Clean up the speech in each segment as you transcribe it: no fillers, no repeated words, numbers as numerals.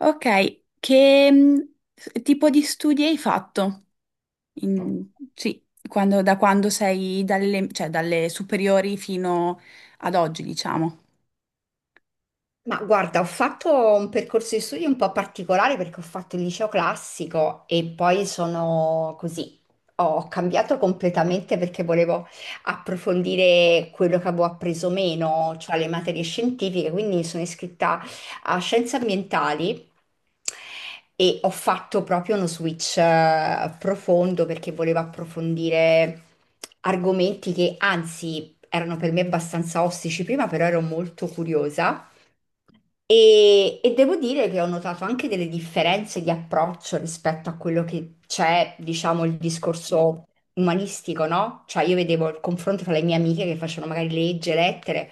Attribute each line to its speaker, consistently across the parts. Speaker 1: Ok, che tipo di studi hai fatto? In- sì, da quando sei dalle superiori fino ad oggi, diciamo.
Speaker 2: Ma guarda, ho fatto un percorso di studi un po' particolare perché ho fatto il liceo classico e poi sono così. Ho cambiato completamente perché volevo approfondire quello che avevo appreso meno, cioè le materie scientifiche, quindi sono iscritta a scienze ambientali e ho fatto proprio uno switch profondo perché volevo approfondire argomenti che anzi erano per me abbastanza ostici prima, però ero molto curiosa. E devo dire che ho notato anche delle differenze di approccio rispetto a quello che c'è, diciamo, il discorso umanistico, no? Cioè io vedevo il confronto tra le mie amiche che facevano magari legge, lettere,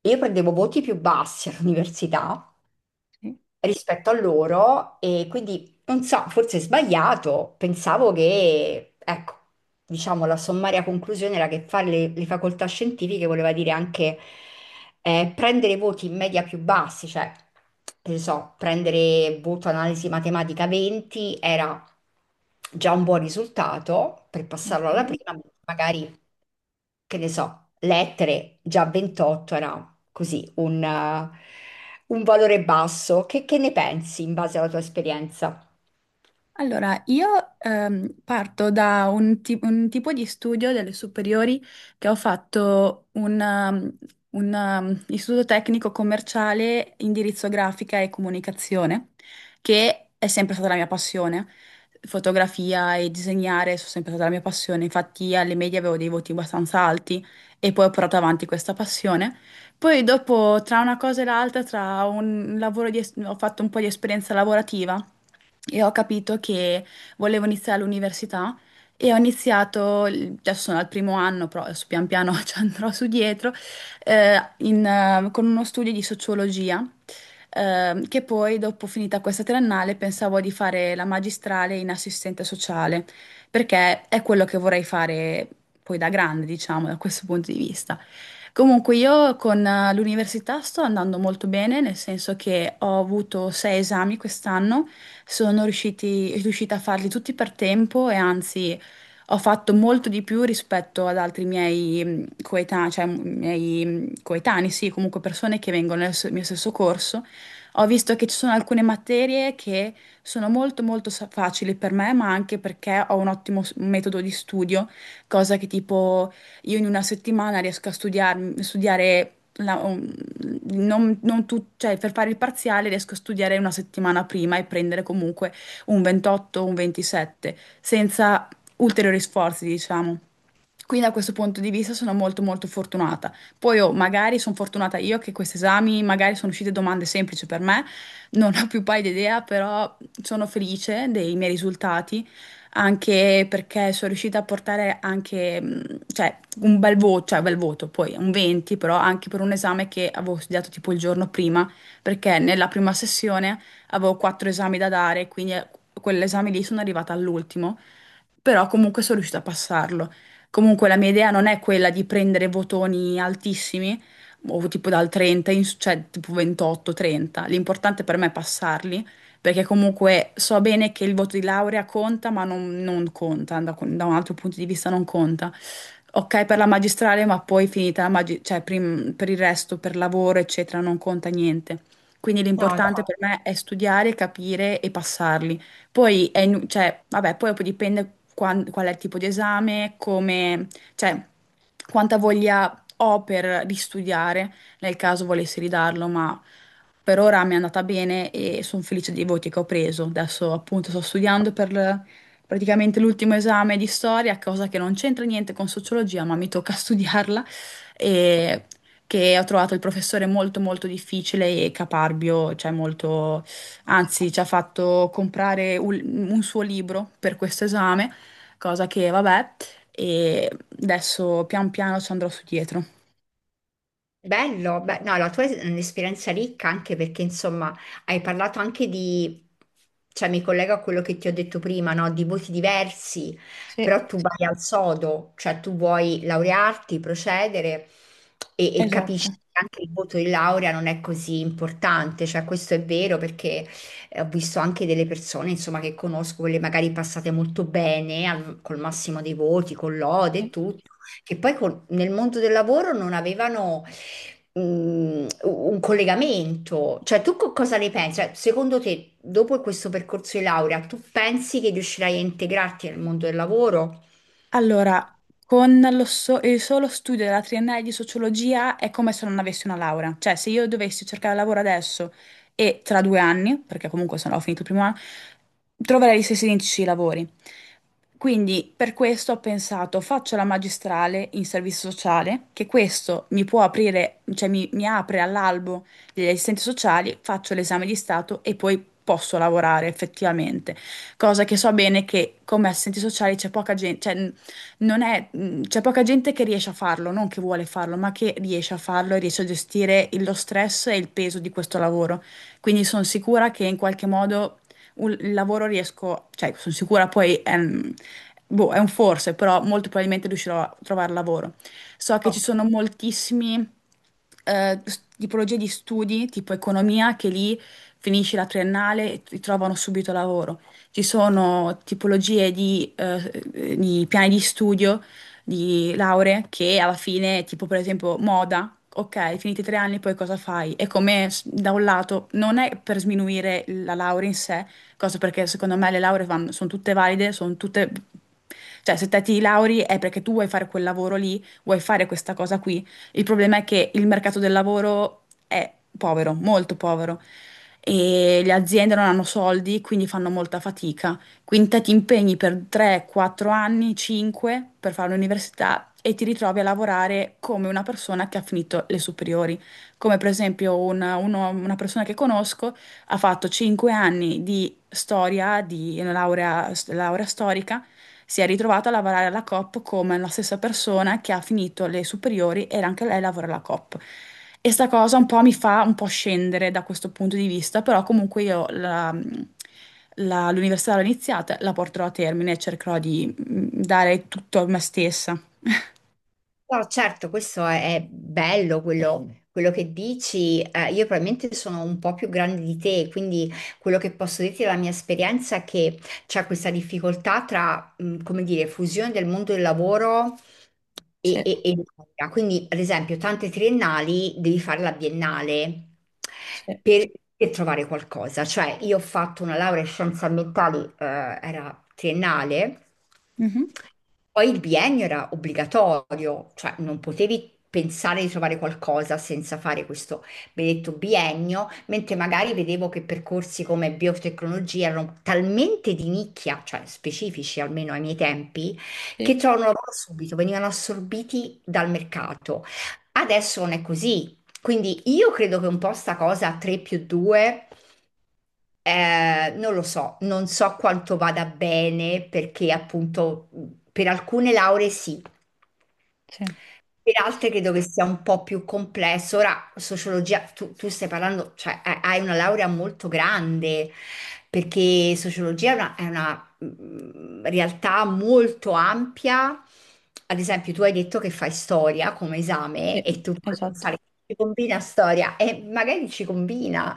Speaker 2: e io prendevo voti più bassi all'università
Speaker 1: Sì,
Speaker 2: rispetto a loro e quindi non so, forse è sbagliato, pensavo che, ecco, diciamo la sommaria conclusione era che fare le facoltà scientifiche voleva dire anche prendere voti in media più bassi, cioè, che ne so, prendere voto analisi matematica 20 era già un buon risultato per passarlo alla
Speaker 1: ok.
Speaker 2: prima, magari che ne so, lettere, già 28 era così un valore basso. Che ne pensi in base alla tua esperienza?
Speaker 1: Allora, io parto da un tipo di studio delle superiori che ho fatto un istituto tecnico commerciale, indirizzo grafica e comunicazione, che è sempre stata la mia passione. Fotografia e disegnare sono sempre stata la mia passione, infatti alle medie avevo dei voti abbastanza alti e poi ho portato avanti questa passione. Poi dopo, tra una cosa e l'altra, tra un lavoro di es- ho fatto un po' di esperienza lavorativa e ho capito che volevo iniziare l'università e ho iniziato, adesso sono al primo anno, però adesso pian piano ci andrò su dietro, con uno studio di sociologia, che poi dopo finita questa triennale pensavo di fare la magistrale in assistente sociale, perché è quello che vorrei fare poi da grande, diciamo, da questo punto di vista. Comunque io con l'università sto andando molto bene, nel senso che ho avuto sei esami quest'anno, sono riuscita a farli tutti per tempo, e anzi ho fatto molto di più rispetto ad altri miei coetanei, cioè miei coetanei, sì, comunque persone che vengono nel mio stesso corso. Ho visto che ci sono alcune materie che sono molto molto facili per me, ma anche perché ho un ottimo metodo di studio, cosa che tipo io in una settimana riesco a studiare la- un- non, non tu- cioè, per fare il parziale riesco a studiare una settimana prima e prendere comunque un 28 o un 27 senza ulteriori sforzi, diciamo. Quindi da questo punto di vista sono molto molto fortunata. Poi, oh, magari sono fortunata io che questi esami, magari sono uscite domande semplici per me, non ho più paio di idea, però sono felice dei miei risultati, anche perché sono riuscita a portare anche, cioè, un bel voto, cioè bel voto, poi un 20, però anche per un esame che avevo studiato tipo il giorno prima, perché nella prima sessione avevo quattro esami da dare, quindi quell'esame lì sono arrivata all'ultimo, però comunque sono riuscita a passarlo. Comunque la mia idea non è quella di prendere votoni altissimi, o tipo dal 30, cioè tipo 28, 30. L'importante per me è passarli, perché comunque so bene che il voto di laurea conta, ma non conta, da un altro punto di vista non conta. Ok per la magistrale, ma poi finita la magi- cioè prim- per il resto, per lavoro, eccetera, non conta niente. Quindi
Speaker 2: No,
Speaker 1: l'importante per
Speaker 2: infatti.
Speaker 1: me è studiare, capire e passarli. Poi, cioè, vabbè, poi dopo dipende qual è il tipo di esame, come, cioè, quanta voglia ho per ristudiare, nel caso volessi ridarlo, ma per ora mi è andata bene e sono felice dei voti che ho preso. Adesso appunto sto studiando per praticamente l'ultimo esame di storia, cosa che non c'entra niente con sociologia, ma mi tocca studiarla, e che ho trovato il professore molto molto difficile e caparbio, cioè molto. Anzi, ci ha fatto comprare un suo libro per questo esame, cosa che vabbè, e adesso pian piano ci andrò su dietro.
Speaker 2: Bello, beh, no, la tua è un'esperienza ricca anche perché insomma hai parlato anche di, cioè mi collego a quello che ti ho detto prima, no? Di voti diversi,
Speaker 1: Sì.
Speaker 2: però tu vai al sodo, cioè tu vuoi laurearti, procedere e capisci
Speaker 1: Esatto.
Speaker 2: che anche il voto di laurea non è così importante, cioè questo è vero perché ho visto anche delle persone insomma che conosco, quelle magari passate molto bene col massimo dei voti, con lode e tutto, che poi nel mondo del lavoro non avevano un collegamento. Cioè, tu cosa ne pensi? Cioè, secondo te, dopo questo percorso di laurea, tu pensi che riuscirai a integrarti nel mondo del lavoro?
Speaker 1: Allora, con il solo studio della triennale di sociologia è come se non avessi una laurea. Cioè, se io dovessi cercare lavoro adesso e tra 2 anni, perché comunque se no ho finito il primo anno, troverei gli stessi identici lavori. Quindi per questo ho pensato, faccio la magistrale in servizio sociale, che questo mi può aprire, cioè mi apre all'albo degli assistenti sociali, faccio l'esame di stato e poi posso lavorare effettivamente. Cosa che so bene che come assistenti sociali c'è poca gente, non è, c'è poca gente che riesce a farlo, non che vuole farlo, ma che riesce a farlo e riesce a gestire lo stress e il peso di questo lavoro. Quindi sono sicura che in qualche modo il lavoro riesco, cioè sono sicura poi è un, boh, è un forse, però molto probabilmente riuscirò a trovare lavoro. So che ci sono moltissimi tipologie di studi, tipo economia, che lì finisci la triennale e ti trovano subito lavoro. Ci sono tipologie di piani di studio, di lauree, che alla fine, tipo per esempio moda, ok, finiti 3 anni, poi cosa fai? E come da un lato non è per sminuire la laurea in sé, cosa perché secondo me le lauree sono tutte valide, sono tutte... Cioè, se te ti lauri è perché tu vuoi fare quel lavoro lì, vuoi fare questa cosa qui, il problema è che il mercato del lavoro è povero, molto povero, e le aziende non hanno soldi, quindi fanno molta fatica. Quindi te ti impegni per 3-4 anni, 5 per fare l'università e ti ritrovi a lavorare come una persona che ha finito le superiori. Come per esempio una persona che conosco ha fatto 5 anni di storia, di una laurea storica, si è ritrovata a lavorare alla COP come la stessa persona che ha finito le superiori e anche lei lavora alla COP. E sta cosa un po' mi fa un po' scendere da questo punto di vista, però comunque io l'università l'ho iniziata, la porterò a termine e cercherò di dare tutto a me stessa.
Speaker 2: No, certo, questo è bello quello che dici. Io probabilmente sono un po' più grande di te, quindi quello che posso dirti dalla mia esperienza è che c'è questa difficoltà tra, come dire, fusione del mondo del lavoro e,
Speaker 1: Sì,
Speaker 2: e, e... l'università. Quindi, ad esempio, tante triennali devi fare la biennale
Speaker 1: sì.
Speaker 2: per, per trovare qualcosa. Cioè, io ho fatto una laurea in scienze ambientali, era triennale.
Speaker 1: Mhm.
Speaker 2: Poi il biennio era obbligatorio, cioè non potevi pensare di trovare qualcosa senza fare questo benedetto biennio, mentre magari vedevo che percorsi come biotecnologia erano talmente di nicchia, cioè specifici almeno ai miei tempi, che
Speaker 1: Sì,
Speaker 2: trovano lavoro subito, venivano assorbiti dal mercato. Adesso non è così. Quindi io credo che un po' sta cosa 3 più 2 non lo so, non so quanto vada bene perché appunto per alcune lauree sì,
Speaker 1: sì,
Speaker 2: per altre credo che sia un po' più complesso. Ora, sociologia, tu stai parlando, cioè hai una laurea molto grande, perché sociologia è una, realtà molto ampia. Ad esempio, tu hai detto che fai storia come esame
Speaker 1: sì,
Speaker 2: e tu puoi
Speaker 1: esatto.
Speaker 2: pensare che ci combina storia e magari ci combina,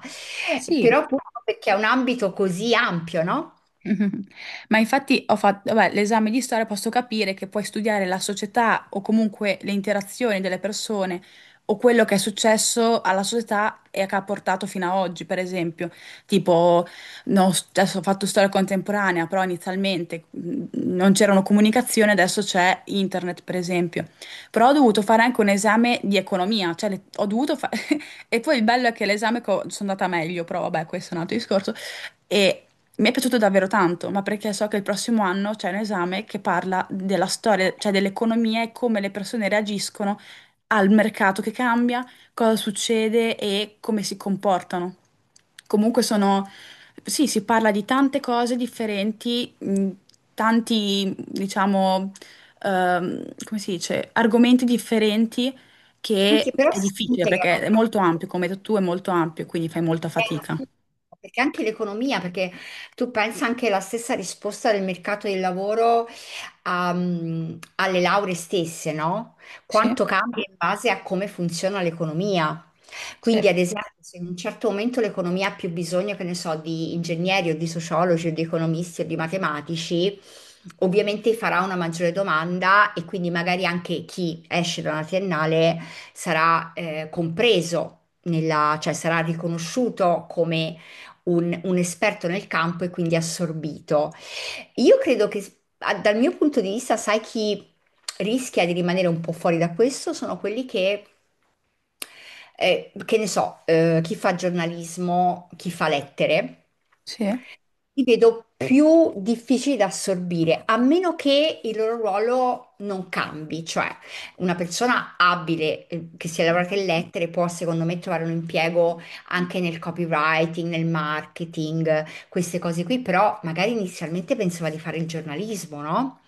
Speaker 2: però
Speaker 1: Sì.
Speaker 2: appunto perché è un ambito così ampio, no?
Speaker 1: Mhm. Ma infatti ho fatto, vabbè, l'esame di storia posso capire che puoi studiare la società o comunque le interazioni delle persone o quello che è successo alla società e che ha portato fino a oggi, per esempio. Tipo, no, adesso ho fatto storia contemporanea, però inizialmente non c'erano comunicazioni, adesso c'è internet, per esempio. Però ho dovuto fare anche un esame di economia, cioè ho dovuto fare... E poi il bello è che l'esame che sono andata meglio, però vabbè, questo è un altro discorso. E mi è piaciuto davvero tanto, ma perché so che il prossimo anno c'è un esame che parla della storia, cioè dell'economia e come le persone reagiscono al mercato che cambia, cosa succede e come si comportano. Comunque sono, sì, si parla di tante cose differenti, tanti, diciamo, come si dice, argomenti differenti che
Speaker 2: Anche però
Speaker 1: è
Speaker 2: si
Speaker 1: difficile perché
Speaker 2: integrano.
Speaker 1: è molto ampio, come hai detto tu, è molto ampio, quindi fai molta fatica.
Speaker 2: Eh, Perché anche l'economia, perché tu pensa anche la stessa risposta del mercato del lavoro alle lauree stesse, no?
Speaker 1: Sì,
Speaker 2: Quanto cambia in base a come funziona l'economia.
Speaker 1: sì,
Speaker 2: Quindi, ad esempio, se in un certo momento l'economia ha più bisogno, che ne so, di ingegneri o di sociologi o di economisti o di matematici, ovviamente farà una maggiore domanda e quindi magari anche chi esce da una triennale sarà compreso cioè sarà riconosciuto come un esperto nel campo e quindi assorbito. Io credo che dal mio punto di vista, sai chi rischia di rimanere un po' fuori da questo? Sono quelli che ne so, chi fa giornalismo, chi fa lettere.
Speaker 1: sì.
Speaker 2: Li vedo più difficili da assorbire, a meno che il loro ruolo non cambi, cioè una persona abile che sia laureata in lettere può secondo me trovare un impiego anche nel copywriting, nel marketing, queste cose qui, però magari inizialmente pensava di fare il giornalismo, no?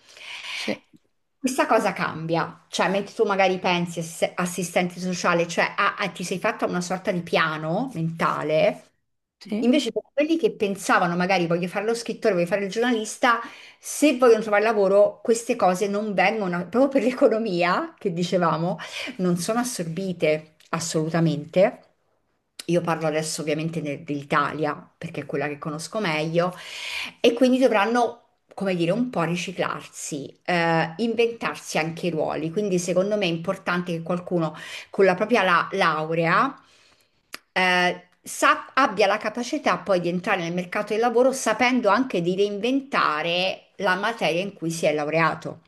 Speaker 1: Sì,
Speaker 2: Questa cosa cambia, cioè mentre tu magari pensi assistente sociale, cioè ah, ah, ti sei fatta una sorta di piano mentale,
Speaker 1: sì.
Speaker 2: invece per quelli che pensavano magari voglio fare lo scrittore, voglio fare il giornalista, se vogliono trovare lavoro queste cose non vengono, proprio per l'economia che dicevamo, non sono assorbite assolutamente. Io parlo adesso ovviamente dell'Italia, perché è quella che conosco meglio, e quindi dovranno, come dire, un po' riciclarsi, inventarsi anche i ruoli. Quindi secondo me è importante che qualcuno con la propria laurea abbia la capacità poi di entrare nel mercato del lavoro sapendo anche di reinventare la materia in cui si è laureato.